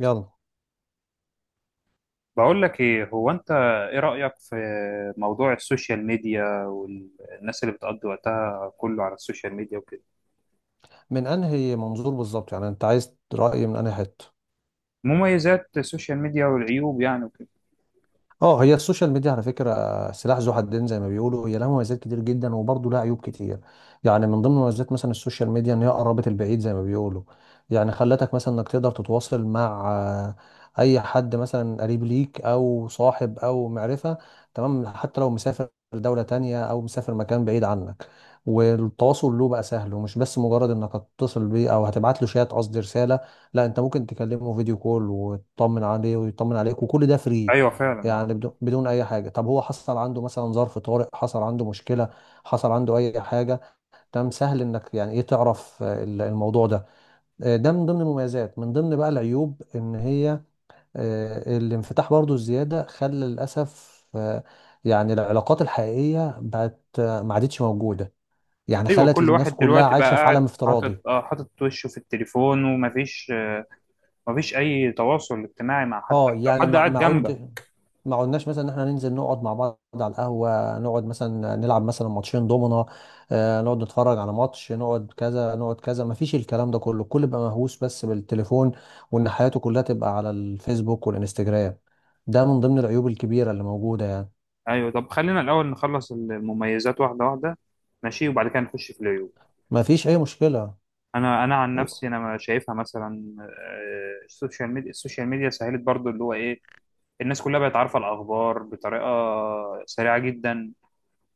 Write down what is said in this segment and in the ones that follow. يلا، بقول لك ايه، هو انت ايه رأيك في موضوع السوشيال ميديا والناس اللي بتقضي وقتها كله على السوشيال ميديا وكده؟ من انهي منظور بالظبط؟ يعني انت عايز رأي من انهي حتة؟ مميزات السوشيال ميديا والعيوب يعني وكده. اه، هي السوشيال ميديا على فكره سلاح ذو حدين زي ما بيقولوا. هي لها مميزات كتير جدا وبرضه لها عيوب كتير. يعني من ضمن مميزات مثلا السوشيال ميديا ان هي قربت البعيد زي ما بيقولوا. يعني خلتك مثلا انك تقدر تتواصل مع اي حد مثلا قريب ليك او صاحب او معرفه. تمام، حتى لو مسافر دوله تانية او مسافر مكان بعيد عنك، والتواصل له بقى سهل. ومش بس مجرد انك هتتصل بيه او هتبعت له شات، قصدي رساله، لا، انت ممكن تكلمه فيديو كول وتطمن عليه ويطمن عليك، وكل ده فري. ايوه فعلا، اه. يعني بدون اي حاجه. طب هو حصل عنده مثلا ظرف طارئ، حصل عنده مشكله، حصل عنده اي حاجه، تمام، سهل انك يعني ايه تعرف الموضوع ده. ده من ضمن المميزات. من ضمن بقى العيوب ان هي الانفتاح برضو الزياده خلى للاسف يعني العلاقات الحقيقيه بقت ما عادتش موجوده. يعني ايوه، خلت كل الناس واحد كلها دلوقتي بقى عايشه في قاعد عالم افتراضي. حاطط وشه في التليفون، ومفيش آه مفيش اي تواصل اجتماعي مع حد اه، لو يعني حد ما قاعد ما جنبك. عدت ما قلناش مثلا ان احنا ننزل نقعد مع بعض على القهوه، نقعد مثلا نلعب مثلا ماتشين دومنا، آه، نقعد نتفرج على ماتش، نقعد كذا نقعد كذا. ما فيش الكلام ده كله. الكل بقى مهووس بس بالتليفون، وان حياته كلها تبقى على الفيسبوك والانستجرام. ده من ضمن العيوب الكبيره اللي موجوده يعني. ايوه، طب خلينا الاول نخلص المميزات واحدة واحدة، ماشي، وبعد كده نخش في العيوب. ما فيش اي مشكله. انا عن و- نفسي، انا ما شايفها مثلا، السوشيال ميديا سهلت برضو اللي هو ايه، الناس كلها بقت عارفه الاخبار بطريقه سريعه جدا.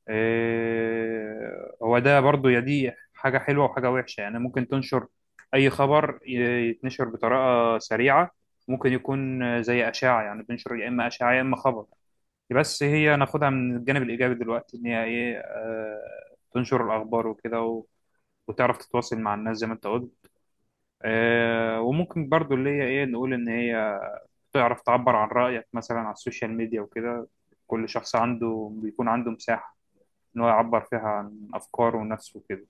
هو ده برضو، يا دي حاجه حلوه وحاجه وحشه، يعني ممكن تنشر اي خبر، يتنشر بطريقه سريعه. ممكن يكون زي اشاعه، يعني تنشر يا اما اشاعه يا اما خبر. بس هي ناخدها من الجانب الايجابي دلوقتي، ان هي ايه، تنشر الاخبار وكده، وتعرف تتواصل مع الناس زي ما انت قلت. وممكن برضو اللي هي ايه، نقول ان هي تعرف تعبر عن رأيك مثلا على السوشيال ميديا وكده. كل شخص عنده بيكون عنده مساحة ان هو يعبر فيها عن افكاره ونفسه وكده.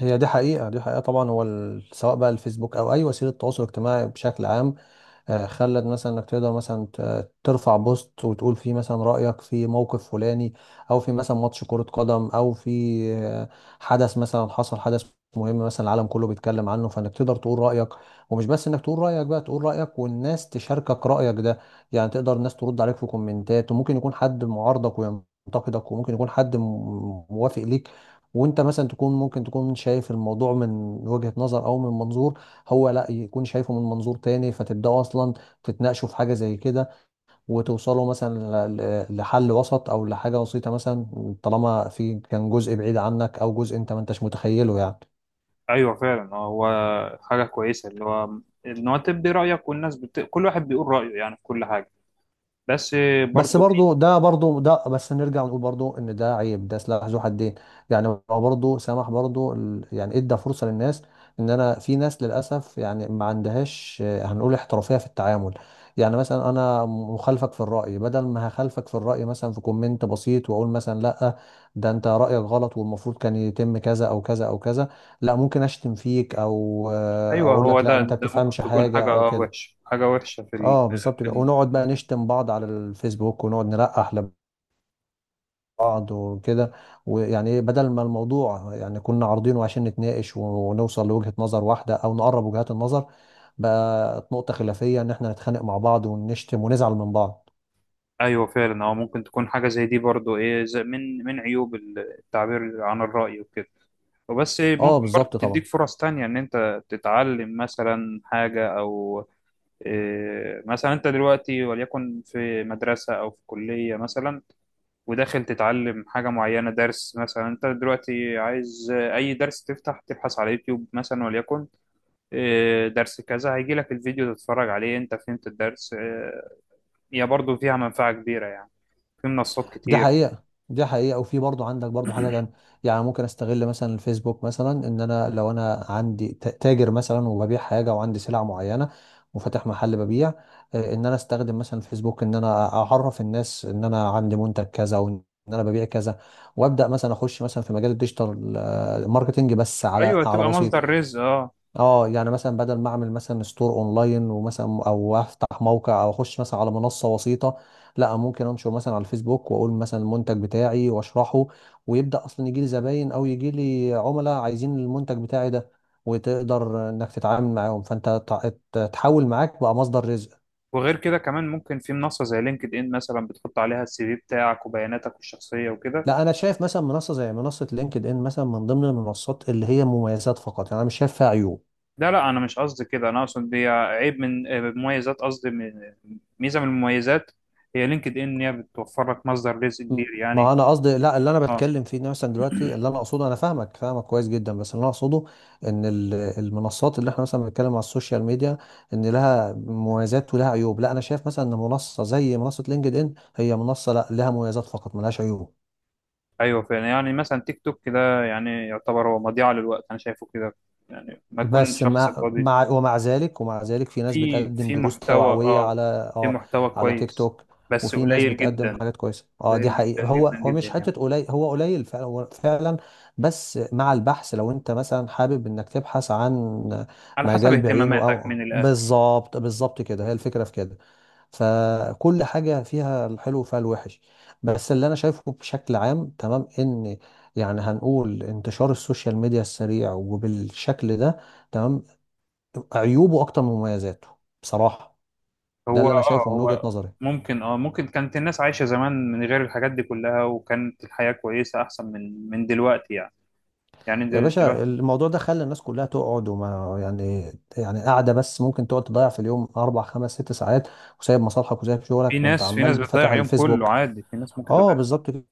هي دي حقيقه، دي حقيقه طبعا. هو سواء بقى الفيسبوك او اي وسيله تواصل اجتماعي بشكل عام، خلت مثلا انك تقدر مثلا ترفع بوست وتقول فيه مثلا رأيك في موقف فلاني، او في مثلا ماتش كرة قدم، او في آه، حدث مثلا، حصل حدث مهم مثلا العالم كله بيتكلم عنه، فانك تقدر تقول رأيك. ومش بس انك تقول رأيك بقى، تقول رأيك والناس تشاركك رأيك ده. يعني تقدر الناس ترد عليك في كومنتات، وممكن يكون حد معارضك وينتقدك، وممكن يكون حد موافق ليك. وانت مثلا تكون ممكن تكون شايف الموضوع من وجهة نظر او من منظور، هو لا يكون شايفه من منظور تاني، فتبداوا اصلا تتناقشوا في حاجه زي كده، وتوصلوا مثلا لحل وسط او لحاجه بسيطه مثلا، طالما في كان جزء بعيد عنك او جزء انت ما انتش متخيله يعني. ايوه فعلا، هو حاجة كويسة اللي هو ان هو تبدي رأيك، والناس كل واحد بيقول رأيه يعني في كل حاجة، بس بس برضو. برضو ده بس نرجع ونقول برضو ان ده عيب، ده سلاح ذو حدين. يعني هو برضو سمح، برضو يعني ادى فرصة للناس، ان انا في ناس للاسف يعني ما عندهاش هنقول احترافية في التعامل. يعني مثلا انا مخالفك في الرأي، بدل ما هخالفك في الرأي مثلا في كومنت بسيط واقول مثلا لا، ده انت رأيك غلط والمفروض كان يتم كذا او كذا او كذا، لا، ممكن اشتم فيك او ايوه، اقول هو لك لا، ده انت ده ممكن بتفهمش تكون حاجة حاجة او آه، كده. وحشة حاجة وحشة اه، بالظبط في كده. ال... ونقعد بقى نشتم بعض على الفيسبوك، ونقعد نلقح لبعض وكده. ويعني ايه، بدل ما الموضوع يعني كنا عارضينه عشان نتناقش ونوصل لوجهة نظر واحدة او نقرب وجهات النظر، بقت نقطة خلافية ان احنا نتخانق مع بعض ونشتم ونزعل من بعض. ايوه فعلا، هو ممكن تكون حاجه زي دي برضو، ايه، زي من عيوب التعبير عن الراي وكده وبس. اه، ممكن برضو بالظبط طبعا. تديك فرص تانية إن أنت تتعلم مثلا حاجة، أو مثلا أنت دلوقتي وليكن في مدرسة أو في كلية مثلا، وداخل تتعلم حاجة معينة، درس مثلا. أنت دلوقتي عايز أي درس، تفتح تبحث على يوتيوب مثلا وليكن درس كذا، هيجي لك الفيديو تتفرج عليه أنت فهمت الدرس. هي برضو فيها منفعة كبيرة يعني، في منصات دي كتير. حقيقة، دي حقيقة. وفي برضو عندك برضو حاجة تانية. يعني ممكن استغل مثلا الفيسبوك مثلا، ان انا لو انا عندي تاجر مثلا وببيع حاجة وعندي سلع معينة وفاتح محل ببيع، ان انا استخدم مثلا الفيسبوك ان انا اعرف الناس ان انا عندي منتج كذا وان انا ببيع كذا، وابدا مثلا اخش مثلا في مجال الديجيتال ماركتينج بس على ايوه تبقى بسيط. مصدر رزق، اه. اه، يعني مثلا بدل ما اعمل مثلا ستور اونلاين ومثلا او افتح موقع او اخش مثلا على منصه وسيطه، لا، ممكن انشر مثلا على الفيسبوك واقول مثلا المنتج بتاعي واشرحه، ويبدا اصلا يجي لي زباين او يجي لي عملاء عايزين المنتج بتاعي ده، وتقدر انك تتعامل معاهم، فانت تحول معاك بقى مصدر رزق. وغير كده كمان، ممكن في منصة زي لينكد ان مثلا بتحط عليها السي في بتاعك وبياناتك الشخصية وكده. لا، انا شايف مثلا منصه زي منصه لينكد ان مثلا من ضمن المنصات اللي هي مميزات فقط، يعني انا مش شايف فيها عيوب. ده لا، انا مش قصدي كده، انا اقصد دي عيب من، مميزات قصدي ميزة من المميزات. هي لينكد ان إن هي بتوفر لك مصدر رزق م- كبير يعني، ما انا قصدي لا، اللي انا اه. بتكلم فيه إن مثلا دلوقتي اللي انا اقصده، انا فاهمك، فاهمك كويس جدا، بس اللي انا اقصده ان المنصات اللي احنا مثلا بنتكلم على السوشيال ميديا ان لها مميزات ولها عيوب، لا انا شايف مثلا ان منصه زي منصه لينكد ان هي منصه لا لها مميزات فقط، ملهاش عيوب. ايوه فعلا، يعني مثلا تيك توك ده، يعني يعتبر هو مضيعة للوقت، انا شايفه كده، يعني ما تكون بس شخص مع فاضي. مع ومع ذلك ومع ذلك في ناس في بتقدم في دروس محتوى، توعوية اه، على، في اه، محتوى على تيك كويس، توك. بس وفي ناس قليل بتقدم جدا، حاجات كويسة. اه، دي قليل جدا حقيقة. هو جدا هو جدا مش يعني. حتة قليل، هو قليل فعلا، هو فعلا. بس مع البحث، لو انت مثلا حابب انك تبحث عن على حسب مجال بعينه، اهتماماتك او من الاخر. بالظبط بالظبط كده، هي الفكرة في كده. فكل حاجة فيها الحلو وفيها الوحش. بس اللي أنا شايفه بشكل عام، تمام، إن يعني هنقول انتشار السوشيال ميديا السريع وبالشكل ده، تمام، عيوبه أكتر من مميزاته بصراحة. ده هو اللي أنا اه شايفه من وجهة هو نظري. ممكن كانت الناس عايشة زمان من غير الحاجات دي كلها، وكانت الحياة كويسة احسن من دلوقتي يعني، يعني يا دل- باشا، دلوقتي الموضوع ده خلى الناس كلها تقعد وما يعني، يعني قاعدة بس ممكن تقعد تضيع في اليوم أربع خمس ست ساعات، وسايب مصالحك وسايب في شغلك وأنت ناس في ناس عمال فاتح بتضيع يوم كله الفيسبوك. عادي، في ناس ممكن اه، تضيع. بالظبط كده.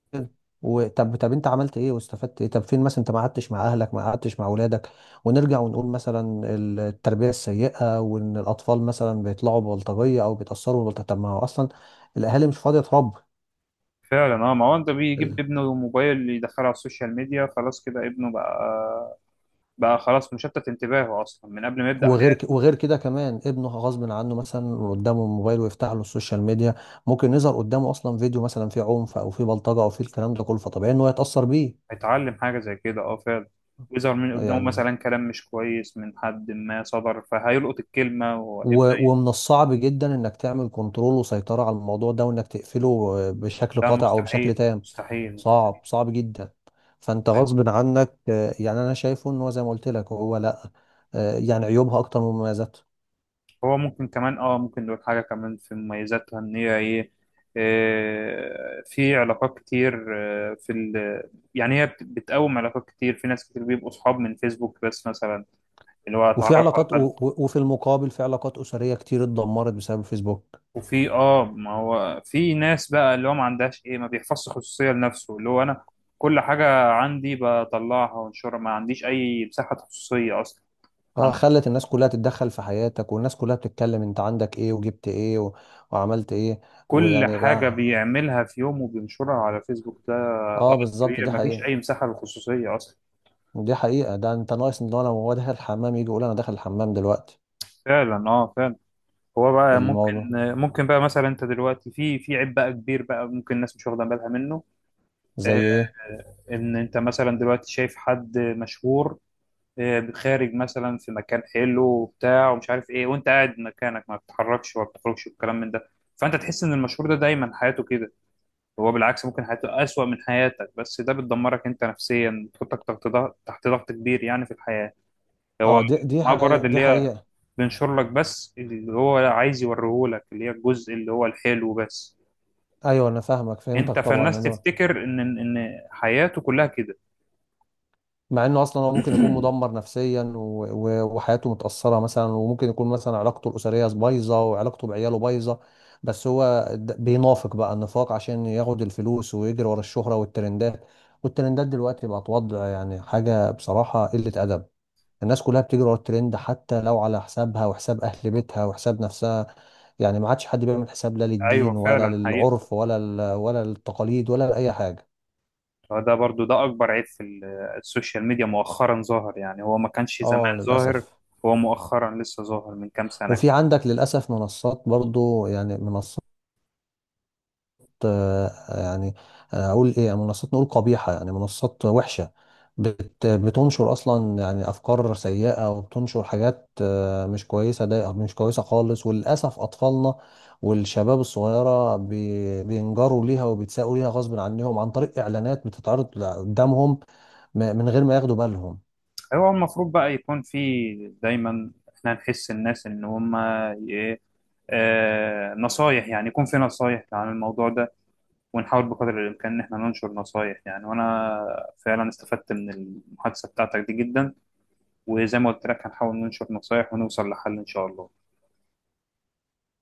وطب، طب انت عملت ايه واستفدت ايه؟ طب فين مثلا؟ انت ما قعدتش مع اهلك، ما قعدتش مع اولادك. ونرجع ونقول مثلا التربيه السيئه، وان الاطفال مثلا بيطلعوا ببلطجيه او بيتاثروا ببلطجيه. طب ما هو اصلا الاهالي مش فاضيه تربي. فعلا، اه، ما هو انت ال- بيجيب ابنه موبايل يدخله على السوشيال ميديا، خلاص كده ابنه بقى، خلاص مشتت انتباهه اصلا من قبل ما يبدأ. وغير وغير كده كمان، ابنه غصب عنه مثلا قدامه الموبايل ويفتح له السوشيال ميديا، ممكن يظهر قدامه اصلا فيديو مثلا فيه عنف او فيه بلطجه او فيه الكلام ده كله، فطبيعي ان هو يتاثر بيه. هيتعلم حاجة زي كده، اه فعلا. ويظهر من قدامه يعني مثلا كلام مش كويس من حد ما صدر، فهيلقط الكلمة وهيبقى. ومن الصعب جدا انك تعمل كنترول وسيطرة على الموضوع ده، وانك تقفله بشكل ده قاطع او بشكل مستحيل، تام. مستحيل، مستحيل. صعب، صعب جدا. فانت طيب، غصب عنك، يعني انا شايفه ان هو زي ما قلت لك هو لا، يعني عيوبها اكتر من مميزاتها. هو ممكن كمان، اه، ممكن نقول حاجة كمان في مميزاتها، ان هي ايه، في علاقات كتير، آه، في ال... يعني هي بتقوم علاقات كتير، في ناس كتير بيبقوا صحاب من فيسبوك بس مثلا، اللي هو وفي اتعرف على علاقات حد. وفي المقابل في علاقات اسريه كتير اتدمرت بسبب الفيسبوك. وفي، اه، ما هو في ناس بقى اللي هو ما عندهاش ايه، ما بيحفظش خصوصية لنفسه، اللي هو انا كل حاجة عندي بطلعها وانشرها، ما عنديش اي مساحة خصوصية اصلا، اه، عن خلت الناس كلها تتدخل في حياتك، والناس كلها بتتكلم انت عندك ايه وجبت ايه وعملت ايه. كل ويعني حاجة بقى، بيعملها في يوم وبينشرها على فيسبوك. ده اه، غلط بالظبط، كبير، دي ما فيش حقيقة، اي مساحة للخصوصية اصلا. دي حقيقة. ده انت ناقص ان هو لو هو داخل الحمام يجي يقول انا داخل الحمام دلوقتي. فعلا، اه، فعلا. هو بقى ممكن، الموضوع ممكن بقى مثلا، انت دلوقتي في عيب بقى كبير بقى، ممكن الناس مش واخدة بالها منه، زي آه، ايه؟ ان انت مثلا دلوقتي شايف حد مشهور، خارج مثلا في مكان حلو وبتاع، ومش عارف ايه، وانت قاعد مكانك ما بتتحركش وما بتخرجش والكلام من ده. فانت تحس ان المشهور ده دايما حياته كده، هو بالعكس ممكن حياته اسوأ من حياتك، بس ده بتدمرك انت نفسيا، بتحطك تحت ضغط، تحت ضغط كبير يعني في الحياة. هو اه، دي دي حقيقة، مجرد دي اللي هي حقيقة. بينشر لك بس اللي هو عايز يوريهولك اللي هي الجزء اللي هو الحلو بس، ايوه، انا فاهمك، انت فهمتك طبعا، فالناس ان تمام هو تفتكر ان حياته كلها كده. مع انه اصلا هو ممكن يكون مدمر نفسيا و... و... وحياته متأثرة مثلا، وممكن يكون مثلا علاقته الأسرية بايظة وعلاقته بعياله بايظة، بس هو بينافق بقى، النفاق عشان ياخد الفلوس ويجري ورا الشهرة والترندات. والترندات دلوقتي بقت وضع، يعني حاجة بصراحة قلة أدب. الناس كلها بتجري ورا الترند حتى لو على حسابها وحساب اهل بيتها وحساب نفسها. يعني ما عادش حد بيعمل حساب لا ايوه للدين ولا فعلا حقيقة، للعرف ولا ولا التقاليد ولا لاي حاجه. هو ده برضو ده أكبر عيب في السوشيال ميديا، مؤخرا ظاهر يعني، هو ما كانش زمان اه، ظاهر، للاسف. هو مؤخرا لسه ظاهر من كام سنة وفي كده. عندك للاسف منصات، برضو يعني منصات، يعني، اقول ايه، منصات نقول قبيحه، يعني منصات وحشه، بتنشر اصلا يعني افكار سيئه، وبتنشر حاجات مش كويسه، ده مش كويسه خالص. وللاسف اطفالنا والشباب الصغيره بينجروا ليها وبيتساقوا ليها غصب عنهم، عن طريق اعلانات بتتعرض قدامهم من غير ما ياخدوا بالهم. هو المفروض بقى يكون في دايما، احنا نحس الناس إن هم إيه آه نصايح يعني يكون في نصايح عن الموضوع ده، ونحاول بقدر الإمكان إن احنا ننشر نصايح يعني، وأنا فعلا استفدت من المحادثة بتاعتك دي جدا، وزي ما قلت لك هنحاول ننشر نصايح ونوصل لحل إن شاء الله.